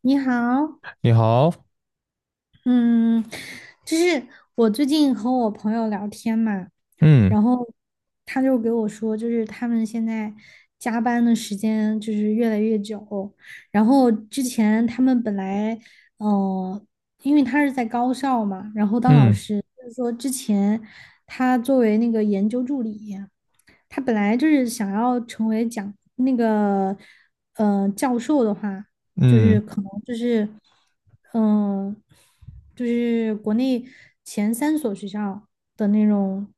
你好，你好，嗯，就是我最近和我朋友聊天嘛，嗯然后他就给我说，就是他们现在加班的时间就是越来越久，然后之前他们本来，呃，因为他是在高校嘛，然后当老嗯师，就是说之前他作为那个研究助理。他本来就是想要成为讲那个教授的话，就是嗯可能就是嗯、呃就是国内前三所学校的那种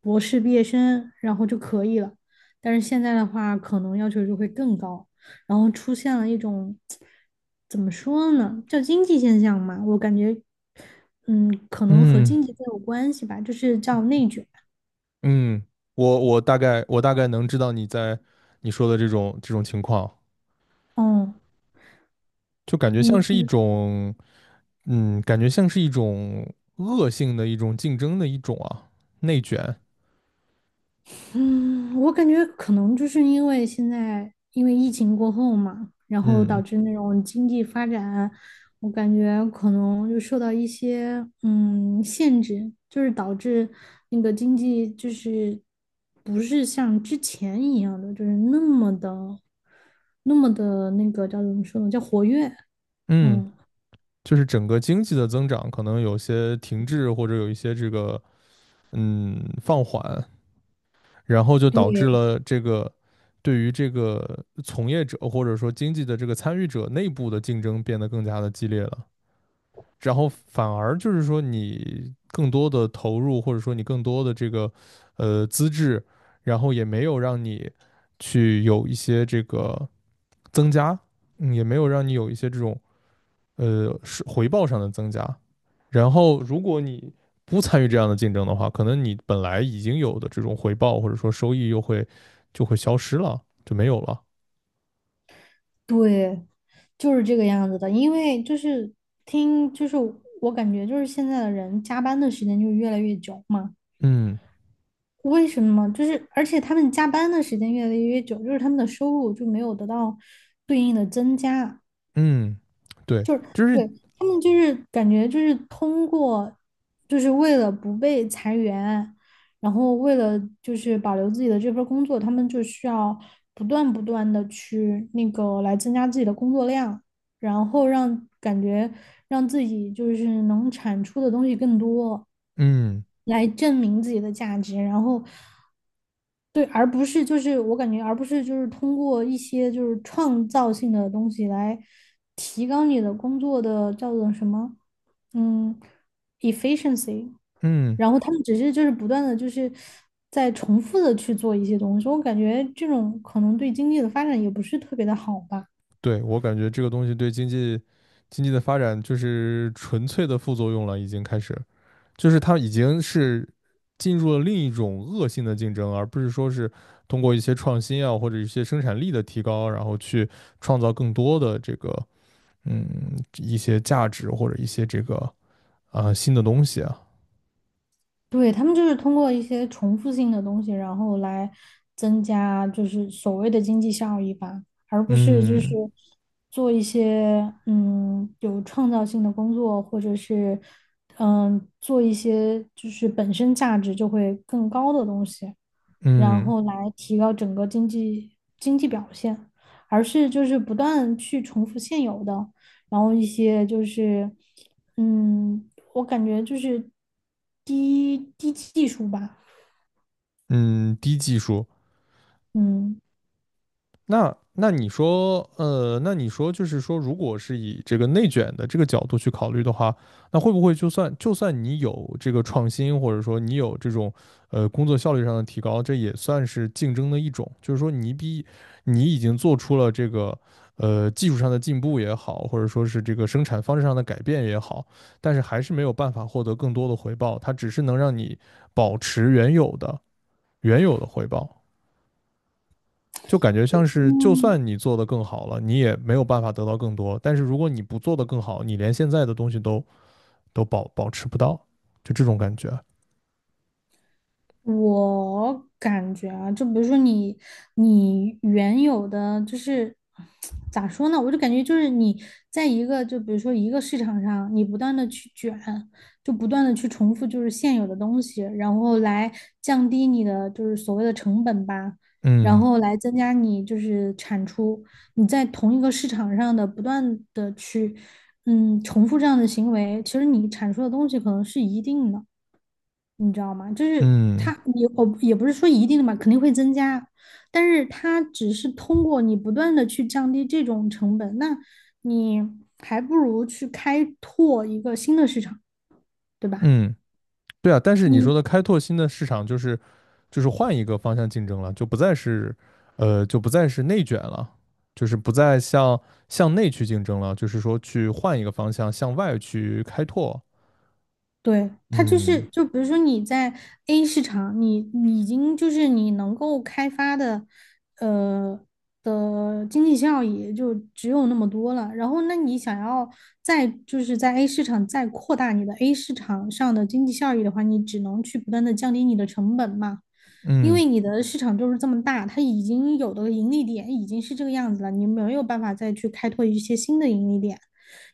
博士毕业生，然后就可以了。但是现在的话，可能要求就会更高，然后出现了一种怎么说呢，叫经济现象嘛，我感觉可能和嗯经济更有关系吧，就是叫内卷。嗯，我大概能知道你说的这种情况，嗯，就感觉像你是一你种，感觉像是一种恶性的一种竞争的一种啊，内卷，嗯，我感觉可能就是因为现在因为疫情过后嘛，然后导嗯致那种经济发展，我感觉可能就受到一些限制，就是导致那个经济就是不是像之前一样的，就是那么的那个叫怎么说呢，叫活跃。嗯，嗯，就是整个经济的增长可能有些停滞或者有一些这个放缓，然后就导致对，了这个对于这个从业者或者说经济的这个参与者内部的竞争变得更加的激烈了。然后反而就是说，你更多的投入或者说你更多的这个资质，然后也没有让你去有一些这个增加，也没有让你有一些这种是回报上的增加。然后，如果你不参与这样的竞争的话，可能你本来已经有的这种回报或者说收益就会消失了，就没有了。对，就是这个样子的。因为就是听，就是我感觉就是现在的人加班的时间就越来越久嘛。嗯为什么？就是而且他们加班的时间越来越久，就是他们的收入就没有得到对应的增加。嗯，对，就是对，他们就是感觉就是通过，就是为了不被裁员，然后为了就是保留自己的这份儿工作，他们就需要不断的去那个来增加自己的工作量。然后让感觉让自己就是能产出的东西更多，嗯来证明自己的价值，然后对，而不是就是我感觉，而不是就是通过一些就是创造性的东西来提高你的工作的叫做什么，嗯，efficiency，嗯，然后他们只是就是不断的就是在重复的去做一些东西，我感觉这种可能对经济的发展也不是特别的好吧。对，我感觉这个东西对经济的发展就是纯粹的副作用了，已经开始，就是它已经是进入了另一种恶性的竞争，而不是说是通过一些创新啊或者一些生产力的提高，然后去创造更多的这个一些价值或者一些这个啊、新的东西啊，对，他们就是通过一些重复性的东西，然后来增加就是所谓的经济效益吧，而不是就是嗯做一些有创造性的工作，或者是做一些就是本身价值就会更高的东西，然嗯后来提高整个经济表现，而是就是不断去重复现有的。然后一些就是，嗯，我感觉就是低技术吧，嗯，低技术嗯。那你说就是说，如果是以这个内卷的这个角度去考虑的话，那会不会就算你有这个创新，或者说你有这种工作效率上的提高，这也算是竞争的一种，就是说你已经做出了这个技术上的进步也好，或者说是这个生产方式上的改变也好，但是还是没有办法获得更多的回报，它只是能让你保持原有的回报。就感觉像是，就嗯。算你做的更好了，你也没有办法得到更多。但是如果你不做的更好，你连现在的东西都保持不到，就这种感觉。我感觉啊，就比如说你，你原有的就是咋说呢？我就感觉就是你在一个就比如说一个市场上，你不断的去卷，就不断的去重复就是现有的东西，然后来降低你的就是所谓的成本吧，然嗯后来增加你就是产出。你在同一个市场上的不断的去重复这样的行为，其实你产出的东西可能是一定的。你知道吗？就是嗯它，也我也不是说一定的嘛，肯定会增加，但是它只是通过你不断的去降低这种成本，那你还不如去开拓一个新的市场，对吧？嗯，对啊。但是你说你的开拓新的市场，就是换一个方向竞争了，就不再是内卷了，就是不再向内去竞争了，就是说去换一个方向向外去开拓。对，它就是，嗯就比如说你在 A 市场，你已经就是你能够开发的，呃的经济效益就只有那么多了。然后，那你想要再就是在 A 市场再扩大你的 A 市场上的经济效益的话，你只能去不断的降低你的成本嘛，因嗯，为你的市场就是这么大，它已经有的盈利点已经是这个样子了，你没有办法再去开拓一些新的盈利点。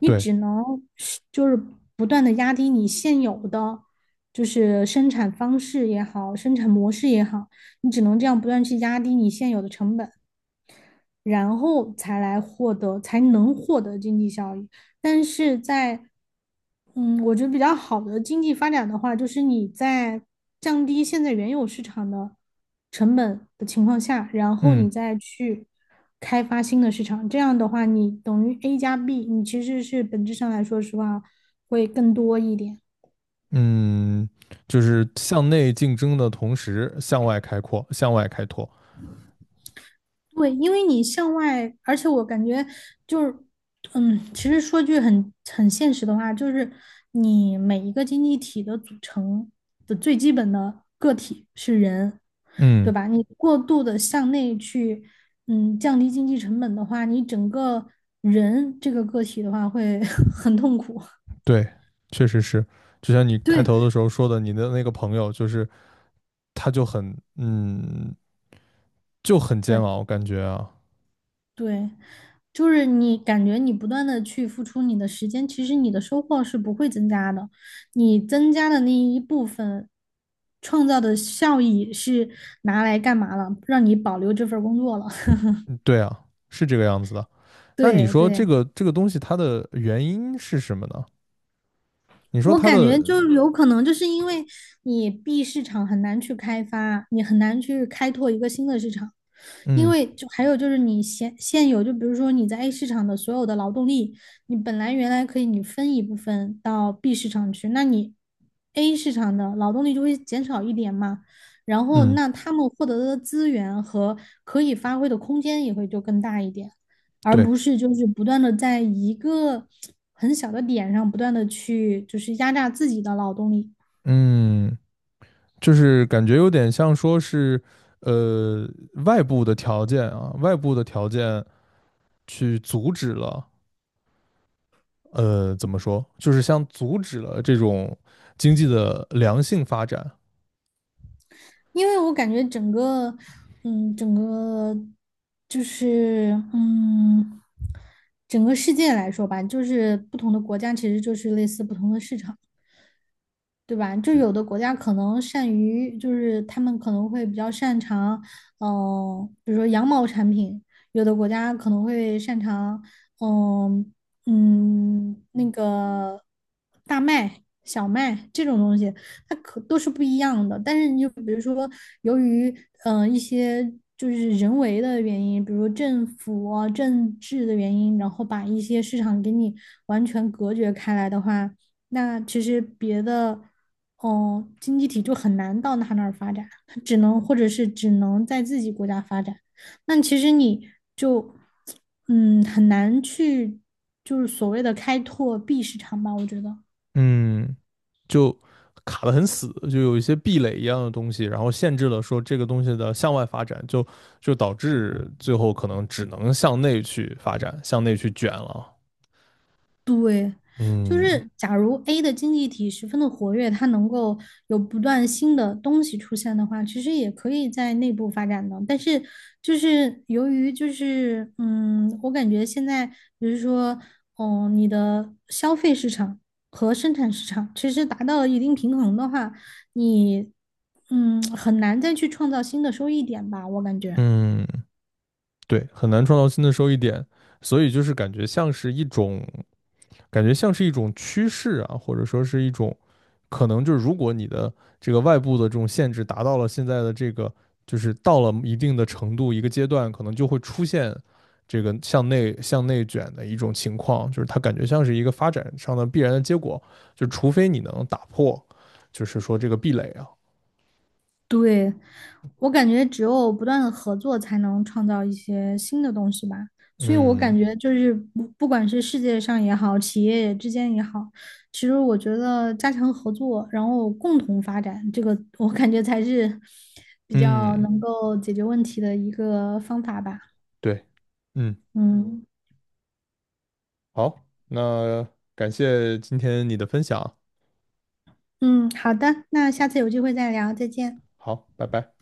你对，只能是就是不断的压低你现有的就是生产方式也好，生产模式也好，你只能这样不断去压低你现有的成本，然后才来获得，才能获得经济效益。但是在我觉得比较好的经济发展的话，就是你在降低现在原有市场的成本的情况下，然后你嗯。再去开发新的市场。这样的话，你等于 A 加 B，你其实是本质上来说实话会更多一点。嗯，就是向内竞争的同时向外开拓。对，因为你向外，而且我感觉就是，其实说句很现实的话，就是你每一个经济体的组成的最基本的个体是人，对嗯，吧？你过度的向内去，降低经济成本的话，你整个人这个个体的话会 很痛苦。对，确实是。就像你 开对，头的时候说的，你的那个朋友，就是他就很煎对，熬，感觉啊，对，就是你感觉你不断的去付出你的时间，其实你的收获是不会增加的，你增加的那一部分创造的效益是拿来干嘛了？让你保留这份儿工作了。对啊，是这个样子的。那你对说这对。个这个东西它的原因是什么呢？你说我它感觉的，就有可能，就是因为你 B 市场很难去开发，你很难去开拓一个新的市场，因嗯为就还有就是你现有，就比如说你在 A 市场的所有的劳动力，你本来原来可以你分一部分到 B 市场去，那你 A 市场的劳动力就会减少一点嘛，然后嗯，那他们获得的资源和可以发挥的空间也会就更大一点。而对，不是就是不断的在一个很小的点上不断的去就是压榨自己的劳动力，嗯，就是感觉有点像说是，呃，外部的条件啊，外部的条件。去阻止了，怎么说，就是像阻止了这种经济的良性发展，因为我感觉整个，整个就是整个世界来说吧，就是不同的国家其实就是类似不同的市场。对吧？就有的国家可能善于，就是他们可能会比较擅长，比如说羊毛产品；有的国家可能会擅长，嗯、那个大麦、小麦这种东西，它可都是不一样的。但是你就比如说，由于一些就是人为的原因，比如政府啊、政治的原因，然后把一些市场给你完全隔绝开来的话。那其实别的，哦，经济体就很难到他那儿发展，他只能或者是只能在自己国家发展。那其实你就，很难去就是所谓的开拓 B 市场吧，我觉得。嗯，就卡得很死，就有一些壁垒一样的东西，然后限制了说这个东西的向外发展，就导致最后可能只能向内去发展，向内去卷了，对，就嗯是假如 A 的经济体十分的活跃，它能够有不断新的东西出现的话，其实也可以在内部发展的。但是就是由于就是我感觉现在比如说，你的消费市场和生产市场其实达到了一定平衡的话，你很难再去创造新的收益点吧，我感觉。嗯，对，很难创造新的收益点，所以就是感觉像是一种趋势啊，或者说是一种可能，就是如果你的这个外部的这种限制达到了现在的这个，就是到了一定的程度一个阶段，可能就会出现这个向内卷的一种情况，就是它感觉像是一个发展上的必然的结果，就除非你能打破，就是说这个壁垒啊，对，我感觉只有不断的合作，才能创造一些新的东西吧。所以我嗯感觉就是不管是世界上也好，企业之间也好，其实我觉得加强合作，然后共同发展，这个我感觉才是 比较嗯，能够解决问题的一个方法吧。对，嗯，嗯好，那感谢今天你的分享，嗯，好的，那下次有机会再聊，再见。好，拜拜。